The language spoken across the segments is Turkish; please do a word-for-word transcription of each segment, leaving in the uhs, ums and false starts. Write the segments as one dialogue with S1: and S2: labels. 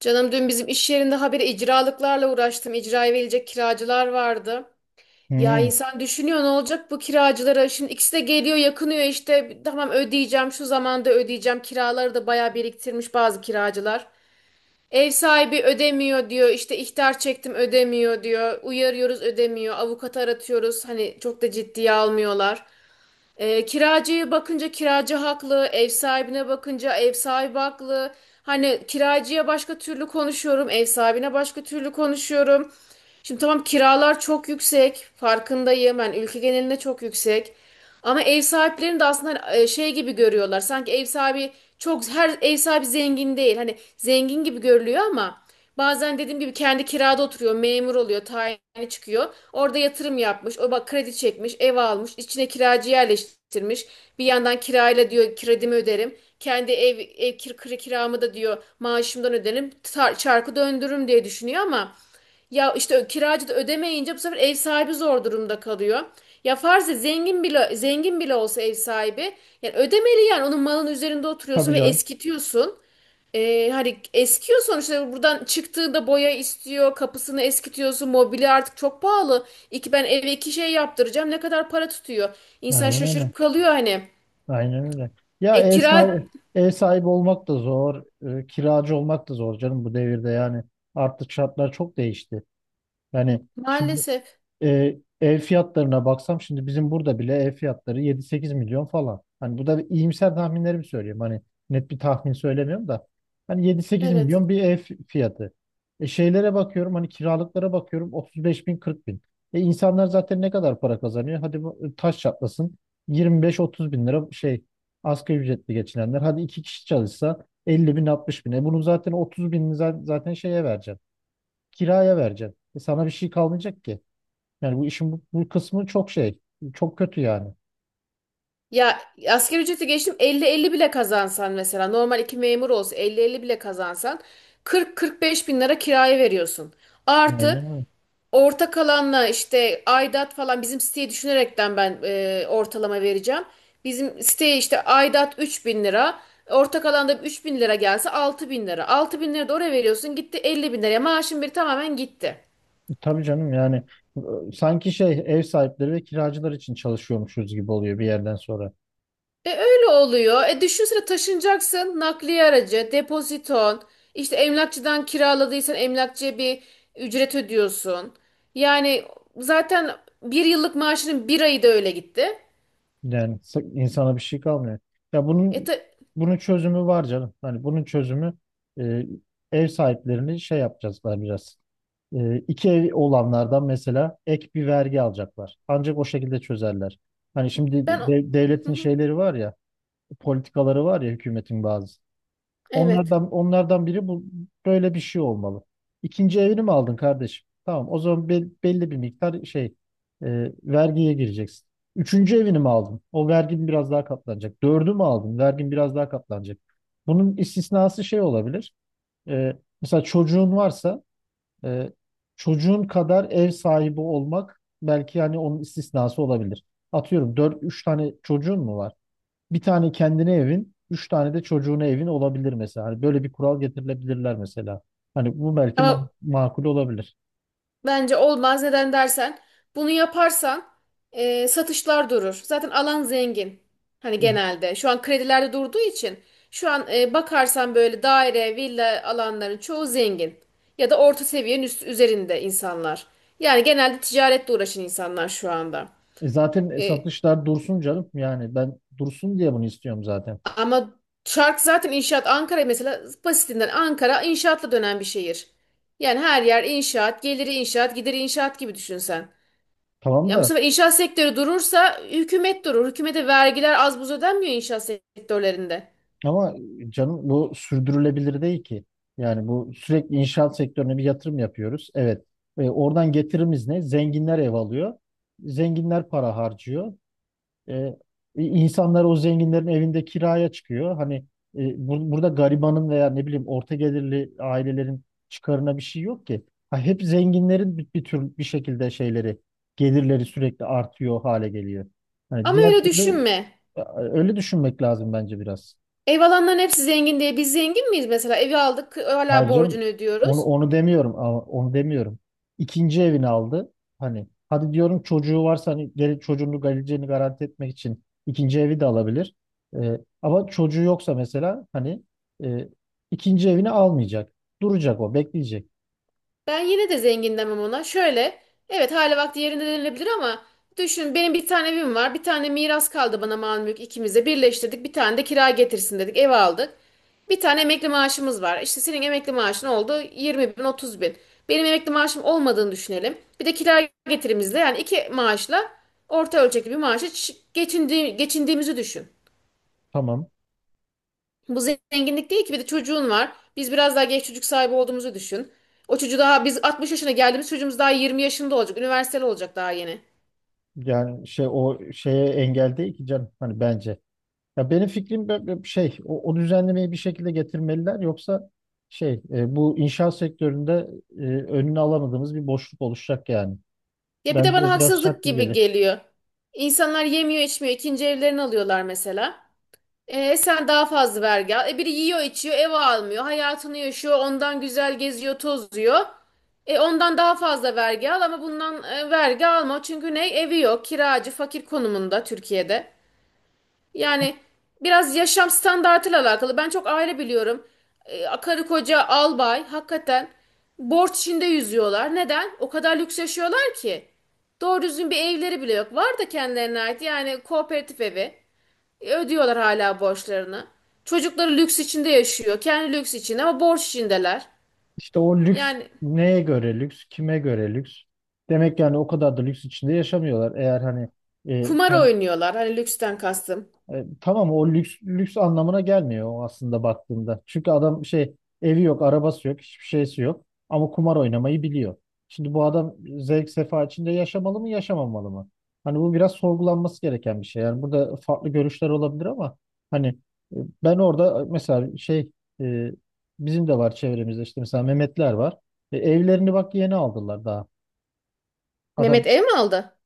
S1: Canım dün bizim iş yerinde habire icralıklarla uğraştım. İcraya verilecek kiracılar vardı. Ya
S2: Hmm.
S1: insan düşünüyor ne olacak bu kiracılara? Şimdi ikisi de geliyor yakınıyor işte. Tamam ödeyeceğim şu zamanda ödeyeceğim. Kiraları da bayağı biriktirmiş bazı kiracılar. Ev sahibi ödemiyor diyor. İşte ihtar çektim ödemiyor diyor. Uyarıyoruz ödemiyor. Avukatı aratıyoruz. Hani çok da ciddiye almıyorlar. E, kiracıya bakınca kiracı haklı, ev sahibine bakınca ev sahibi haklı. Hani kiracıya başka türlü konuşuyorum, ev sahibine başka türlü konuşuyorum. Şimdi tamam kiralar çok yüksek, farkındayım. Ben ülke genelinde çok yüksek. Ama ev sahiplerini de aslında hani, e, şey gibi görüyorlar. Sanki ev sahibi çok, her ev sahibi zengin değil. Hani zengin gibi görülüyor ama bazen dediğim gibi kendi kirada oturuyor, memur oluyor, tayini çıkıyor. Orada yatırım yapmış, o bak kredi çekmiş, ev almış, içine kiracı yerleştirmiş. Bir yandan kirayla diyor kredimi öderim. Kendi ev, ev kir, kir- kiramı da diyor maaşımdan öderim. Tar- çarkı döndürürüm diye düşünüyor ama ya işte ö- kiracı da ödemeyince bu sefer ev sahibi zor durumda kalıyor. Ya farz et, zengin bile zengin bile olsa ev sahibi, yani ödemeli, yani onun malın üzerinde oturuyorsun
S2: Tabii
S1: ve
S2: canım.
S1: eskitiyorsun. E, hani eskiyor sonuçta, buradan çıktığında boya istiyor, kapısını eskitiyorsun, mobilya artık çok pahalı, iki ben eve iki şey yaptıracağım ne kadar para tutuyor, insan
S2: Aynen öyle.
S1: şaşırıp kalıyor hani.
S2: Aynen öyle. Ya
S1: E
S2: ev
S1: kira.
S2: sahibi, ev sahibi olmak da zor, e, kiracı olmak da zor canım bu devirde yani. Artık şartlar çok değişti. Yani şimdi
S1: Maalesef.
S2: e, ev fiyatlarına baksam şimdi bizim burada bile ev fiyatları yedi sekiz milyon falan. Hani bu da bir iyimser tahminlerimi söylüyorum. Hani net bir tahmin söylemiyorum da. Hani yedi sekiz
S1: Evet.
S2: milyon bir ev fiyatı. E şeylere bakıyorum hani kiralıklara bakıyorum otuz beş bin kırk bin. E insanlar zaten ne kadar para kazanıyor? Hadi bu e, taş çatlasın, yirmi beş otuz bin lira, şey, asgari ücretli geçinenler. Hadi iki kişi çalışsa elli bin altmış bin. E bunun zaten otuz binini za- zaten şeye vereceksin. Kiraya vereceksin. E sana bir şey kalmayacak ki. Yani bu işin bu, bu kısmı çok şey, çok kötü yani.
S1: Ya, asgari ücreti geçtim, elli elli bile kazansan, mesela normal iki memur olsa elli elli bile kazansan, kırk kırk beş bin lira kiraya veriyorsun, artı
S2: Aynen öyle.
S1: ortak alanla işte aidat falan. Bizim siteyi düşünerekten ben e, ortalama vereceğim. Bizim siteye işte aidat üç bin lira. Ortak alanda üç bin lira gelse altı bin lira. Altı bin lira da oraya veriyorsun, gitti elli bin liraya maaşın bir tamamen gitti.
S2: Tabii canım yani e, sanki şey ev sahipleri ve kiracılar için çalışıyormuşuz gibi oluyor bir yerden sonra.
S1: E öyle oluyor. E düşünsene, taşınacaksın, nakliye aracı, depoziton, işte emlakçıdan kiraladıysan emlakçıya bir ücret ödüyorsun. Yani zaten bir yıllık maaşının bir ayı da öyle gitti.
S2: Yani s- insana bir şey kalmıyor. Ya
S1: E
S2: bunun
S1: ta-
S2: bunun çözümü var canım. Hani bunun çözümü e, ev sahiplerini şey yapacaklar biraz. E, iki ev olanlardan mesela ek bir vergi alacaklar. Ancak o şekilde çözerler. Hani şimdi
S1: ben...
S2: de- devletin şeyleri var ya, politikaları var ya hükümetin bazı.
S1: Evet.
S2: Onlardan onlardan biri bu böyle bir şey olmalı. İkinci evini mi aldın kardeşim? Tamam, o zaman bel- belli bir miktar şey e, vergiye gireceksin. Üçüncü evini mi aldın? O vergin biraz daha katlanacak. Dördü mü aldın? Vergin biraz daha katlanacak. Bunun istisnası şey olabilir. E, mesela çocuğun varsa e, çocuğun kadar ev sahibi olmak belki yani onun istisnası olabilir. Atıyorum dört, üç tane çocuğun mu var? Bir tane kendine evin, üç tane de çocuğuna evin olabilir mesela. Hani böyle bir kural getirilebilirler mesela. Hani bu belki
S1: Ama
S2: ma- makul olabilir.
S1: bence olmaz. Neden dersen, bunu yaparsan e, satışlar durur. Zaten alan zengin. Hani genelde. Şu an kredilerde durduğu için şu an e, bakarsan böyle daire, villa alanların çoğu zengin. Ya da orta seviyenin üst, üzerinde insanlar. Yani genelde ticaretle uğraşan insanlar şu anda.
S2: E zaten
S1: E,
S2: satışlar dursun canım. Yani ben dursun diye bunu istiyorum zaten.
S1: ama çark zaten inşaat. Ankara mesela, basitinden Ankara inşaatla dönen bir şehir. Yani her yer inşaat, geliri inşaat, gideri inşaat gibi düşünsen.
S2: Tamam
S1: Ya bu
S2: da,
S1: sefer inşaat sektörü durursa hükümet durur. Hükümete vergiler az buz ödenmiyor inşaat sektörlerinde.
S2: ama canım bu sürdürülebilir değil ki. Yani bu sürekli inşaat sektörüne bir yatırım yapıyoruz. Evet. E, oradan getirimiz ne? Zenginler ev alıyor. Zenginler para harcıyor. E, insanlar o zenginlerin evinde kiraya çıkıyor. Hani e, bur- burada garibanın veya ne bileyim orta gelirli ailelerin çıkarına bir şey yok ki. Ha, hep zenginlerin bir, bir tür bir şekilde şeyleri gelirleri sürekli artıyor hale geliyor. Hani
S1: Ama
S2: diğer
S1: öyle
S2: türlü
S1: düşünme.
S2: e, öyle düşünmek lazım bence biraz.
S1: Ev alanların hepsi zengin diye biz zengin miyiz mesela? Evi aldık hala
S2: Hayır canım,
S1: borcunu
S2: onu,
S1: ödüyoruz.
S2: onu demiyorum, ama onu demiyorum. İkinci evini aldı. Hani hadi diyorum, çocuğu varsa hani gel, çocuğunu, geleceğini garanti etmek için ikinci evi de alabilir. Ee, ama çocuğu yoksa mesela hani e, ikinci evini almayacak. Duracak, o bekleyecek.
S1: Ben yine de zengin demem ona. Şöyle, evet, hali vakti yerinde denilebilir ama düşün, benim bir tane evim var. Bir tane miras kaldı bana, mal mülk ikimize birleştirdik. Bir tane de kira getirsin dedik, ev aldık. Bir tane emekli maaşımız var. İşte senin emekli maaşın oldu yirmi bin otuz bin. Benim emekli maaşım olmadığını düşünelim. Bir de kira getirimizle, yani iki maaşla orta ölçekli bir maaşa ç- geçindi- geçindiğimizi düşün.
S2: Tamam.
S1: Bu zenginlik değil ki, bir de çocuğun var. Biz biraz daha geç çocuk sahibi olduğumuzu düşün. O çocuğu daha, biz altmış yaşına geldiğimiz çocuğumuz daha yirmi yaşında olacak. Üniversiteli olacak daha yeni.
S2: Yani şey, o şeye engel değil ki canım hani, bence. Ya benim fikrim bö- bö- şey, o, o düzenlemeyi bir şekilde getirmeliler, yoksa şey e, bu inşaat sektöründe e, önünü alamadığımız bir boşluk oluşacak yani.
S1: Ya bir de
S2: Bence
S1: bana
S2: o biraz
S1: haksızlık gibi
S2: şaşırtıcı.
S1: geliyor. İnsanlar yemiyor içmiyor, ikinci evlerini alıyorlar mesela. E, sen daha fazla vergi al. E, biri yiyor içiyor, ev almıyor, hayatını yaşıyor. Ondan güzel geziyor tozuyor. E, ondan daha fazla vergi al ama bundan e, vergi alma. Çünkü ne, evi yok, kiracı fakir konumunda Türkiye'de. Yani biraz yaşam standartıyla alakalı. Ben çok aile biliyorum. Ee, karı koca albay hakikaten borç içinde yüzüyorlar. Neden? O kadar lüks yaşıyorlar ki. Doğru düzgün bir evleri bile yok. Var da kendilerine ait, yani kooperatif evi. E, ödüyorlar hala borçlarını. Çocukları lüks içinde yaşıyor. Kendi lüks içinde ama borç içindeler.
S2: İşte o lüks,
S1: Yani
S2: neye göre lüks, kime göre lüks? Demek yani o kadar da lüks içinde yaşamıyorlar. Eğer hani. e,
S1: kumar
S2: kend-
S1: oynuyorlar, hani lüksten kastım.
S2: E, tamam o lüks lüks anlamına gelmiyor, o aslında baktığında. Çünkü adam şey, evi yok, arabası yok, hiçbir şeysi yok ama kumar oynamayı biliyor. Şimdi bu adam zevk sefa içinde yaşamalı mı, yaşamamalı mı? Hani bu biraz sorgulanması gereken bir şey. Yani burada farklı görüşler olabilir ama hani e, ben orada e, mesela şey e, bizim de var çevremizde, işte mesela Mehmetler var. E, evlerini bak yeni aldılar daha. Adam
S1: Mehmet ev mi aldı?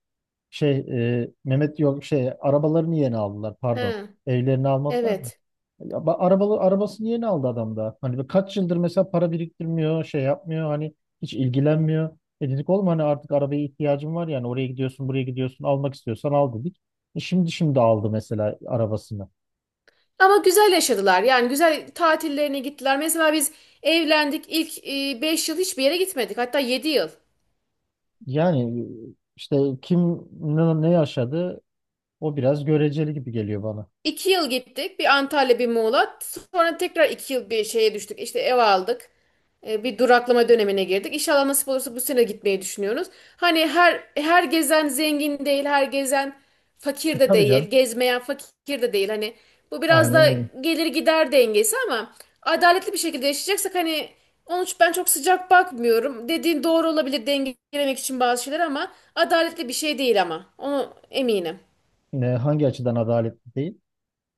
S2: şey, e, Mehmet yok, şey, arabalarını yeni aldılar, pardon.
S1: He,
S2: Evlerini almadılar.
S1: evet.
S2: Ya ba- Arabalı, arabasını yeni aldı adam da. Hani ve kaç yıldır mesela para biriktirmiyor, şey yapmıyor hani, hiç ilgilenmiyor. E dedik oğlum, hani artık arabaya ihtiyacım var, yani oraya gidiyorsun buraya gidiyorsun, almak istiyorsan al dedik. E şimdi şimdi aldı mesela arabasını.
S1: Ama güzel yaşadılar. Yani güzel tatillerine gittiler. Mesela biz evlendik, ilk e, beş yıl hiçbir yere gitmedik. Hatta yedi yıl.
S2: Yani işte kim ne, ne yaşadı, o biraz göreceli gibi geliyor bana.
S1: İki yıl gittik. Bir Antalya, bir Muğla. Sonra tekrar iki yıl bir şeye düştük. İşte ev aldık. E, bir duraklama dönemine girdik. İnşallah nasip olursa bu sene gitmeyi düşünüyoruz. Hani her her gezen zengin değil, her gezen
S2: E,
S1: fakir de
S2: tabii
S1: değil,
S2: canım.
S1: gezmeyen fakir de değil. Hani bu biraz
S2: Aynen
S1: da
S2: öyle.
S1: gelir gider dengesi, ama adaletli bir şekilde yaşayacaksak hani, onun için ben çok sıcak bakmıyorum. Dediğin doğru olabilir, dengelemek için bazı şeyler, ama adaletli bir şey değil ama. Onu eminim.
S2: Ne, hangi açıdan adaletli değil?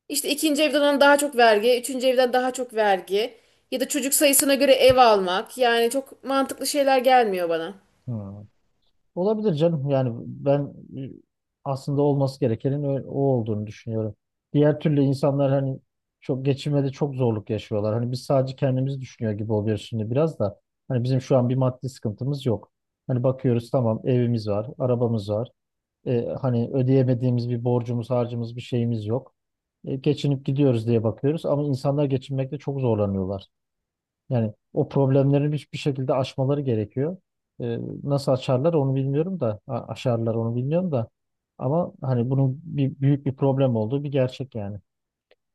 S1: İşte ikinci evden alınan daha çok vergi, üçüncü evden daha çok vergi, ya da çocuk sayısına göre ev almak. Yani çok mantıklı şeyler gelmiyor bana.
S2: Hı. Olabilir canım. Yani ben e, aslında olması gerekenin ö- o olduğunu düşünüyorum. Diğer türlü insanlar hani çok geçinmede, çok zorluk yaşıyorlar. Hani biz sadece kendimizi düşünüyor gibi oluyoruz şimdi biraz da. Hani bizim şu an bir maddi sıkıntımız yok. Hani bakıyoruz, tamam evimiz var, arabamız var. E, hani ödeyemediğimiz bir borcumuz, harcımız, bir şeyimiz yok. E, geçinip gidiyoruz diye bakıyoruz ama insanlar geçinmekte çok zorlanıyorlar. Yani o problemlerin hiçbir şekilde aşmaları gerekiyor. Ee, nasıl açarlar onu bilmiyorum da, a- aşarlar onu bilmiyorum da, ama hani bunun bir büyük bir problem olduğu bir gerçek yani.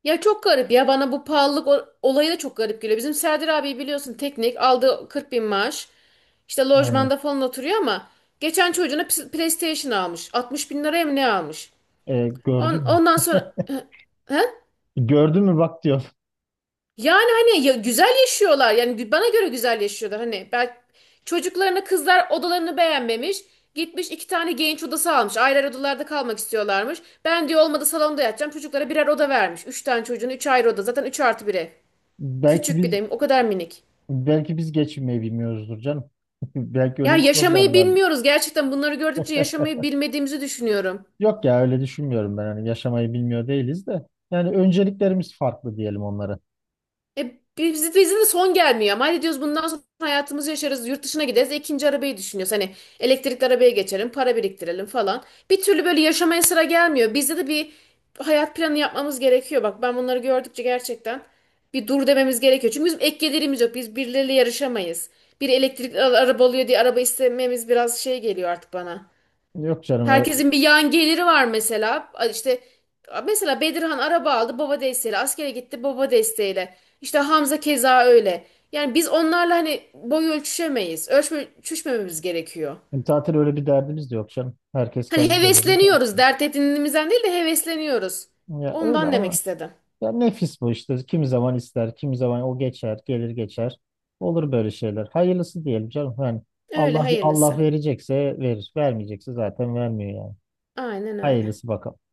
S1: Ya çok garip ya, bana bu pahalılık o- olayı da çok garip geliyor. Bizim Serdar abi biliyorsun, teknik aldığı kırk bin maaş. İşte
S2: Aynen.
S1: lojmanda falan oturuyor ama geçen çocuğuna PS- PlayStation almış. altmış bin liraya mı ne almış?
S2: Ee,
S1: On,
S2: gördün mü?
S1: ondan sonra... He?
S2: Gördün mü bak, diyor.
S1: Yani hani ya, güzel yaşıyorlar. Yani gü- bana göre güzel yaşıyorlar. Hani belki çocuklarına, kızlar odalarını beğenmemiş. Gitmiş iki tane genç odası almış. Ayrı ayrı odalarda kalmak istiyorlarmış. Ben diyor olmadı, salonda yatacağım. Çocuklara birer oda vermiş. Üç tane çocuğun üç ayrı oda. Zaten üç artı bire.
S2: Belki
S1: Küçük bir
S2: biz
S1: de, o kadar minik.
S2: belki biz geçinmeyi bilmiyoruzdur canım. Belki öyle
S1: Yani
S2: bir problem
S1: yaşamayı
S2: var.
S1: bilmiyoruz. Gerçekten bunları gördükçe yaşamayı bilmediğimizi düşünüyorum.
S2: Yok ya, öyle düşünmüyorum ben. Hani yaşamayı bilmiyor değiliz de. Yani önceliklerimiz farklı diyelim onlara.
S1: E, biz, bizim de son gelmiyor ama hadi diyoruz bundan sonra hayatımızı yaşarız, yurt dışına gideriz. E, ikinci arabayı düşünüyoruz hani, elektrikli arabaya geçelim, para biriktirelim falan. Bir türlü böyle yaşamaya sıra gelmiyor, bizde de bir hayat planı yapmamız gerekiyor. Bak ben bunları gördükçe gerçekten bir dur dememiz gerekiyor, çünkü bizim ek gelirimiz yok, biz birileriyle yarışamayız. Bir elektrikli araba oluyor diye araba istememiz biraz şey geliyor artık bana.
S2: Yok canım. ö-
S1: Herkesin bir yan geliri var mesela. İşte mesela Bedirhan araba aldı baba desteğiyle. Askere gitti baba desteğiyle. İşte Hamza keza öyle. Yani biz onlarla hani boy ölçüşemeyiz. Ölçme, ölçüşmememiz gerekiyor.
S2: Zaten öyle bir derdimiz de yok canım. Herkes
S1: Hani
S2: kendi derdi.
S1: hevesleniyoruz. Dert edindiğimizden değil de hevesleniyoruz.
S2: Ya öyle,
S1: Ondan demek
S2: ama.
S1: istedim.
S2: Ya nefis bu işte. Kimi zaman ister, kimi zaman o geçer, gelir geçer. Olur böyle şeyler. Hayırlısı diyelim canım. Yani
S1: Öyle
S2: Allah Allah,
S1: hayırlısı.
S2: verecekse verir, vermeyecekse zaten vermiyor yani.
S1: Aynen öyle.
S2: Hayırlısı bakalım.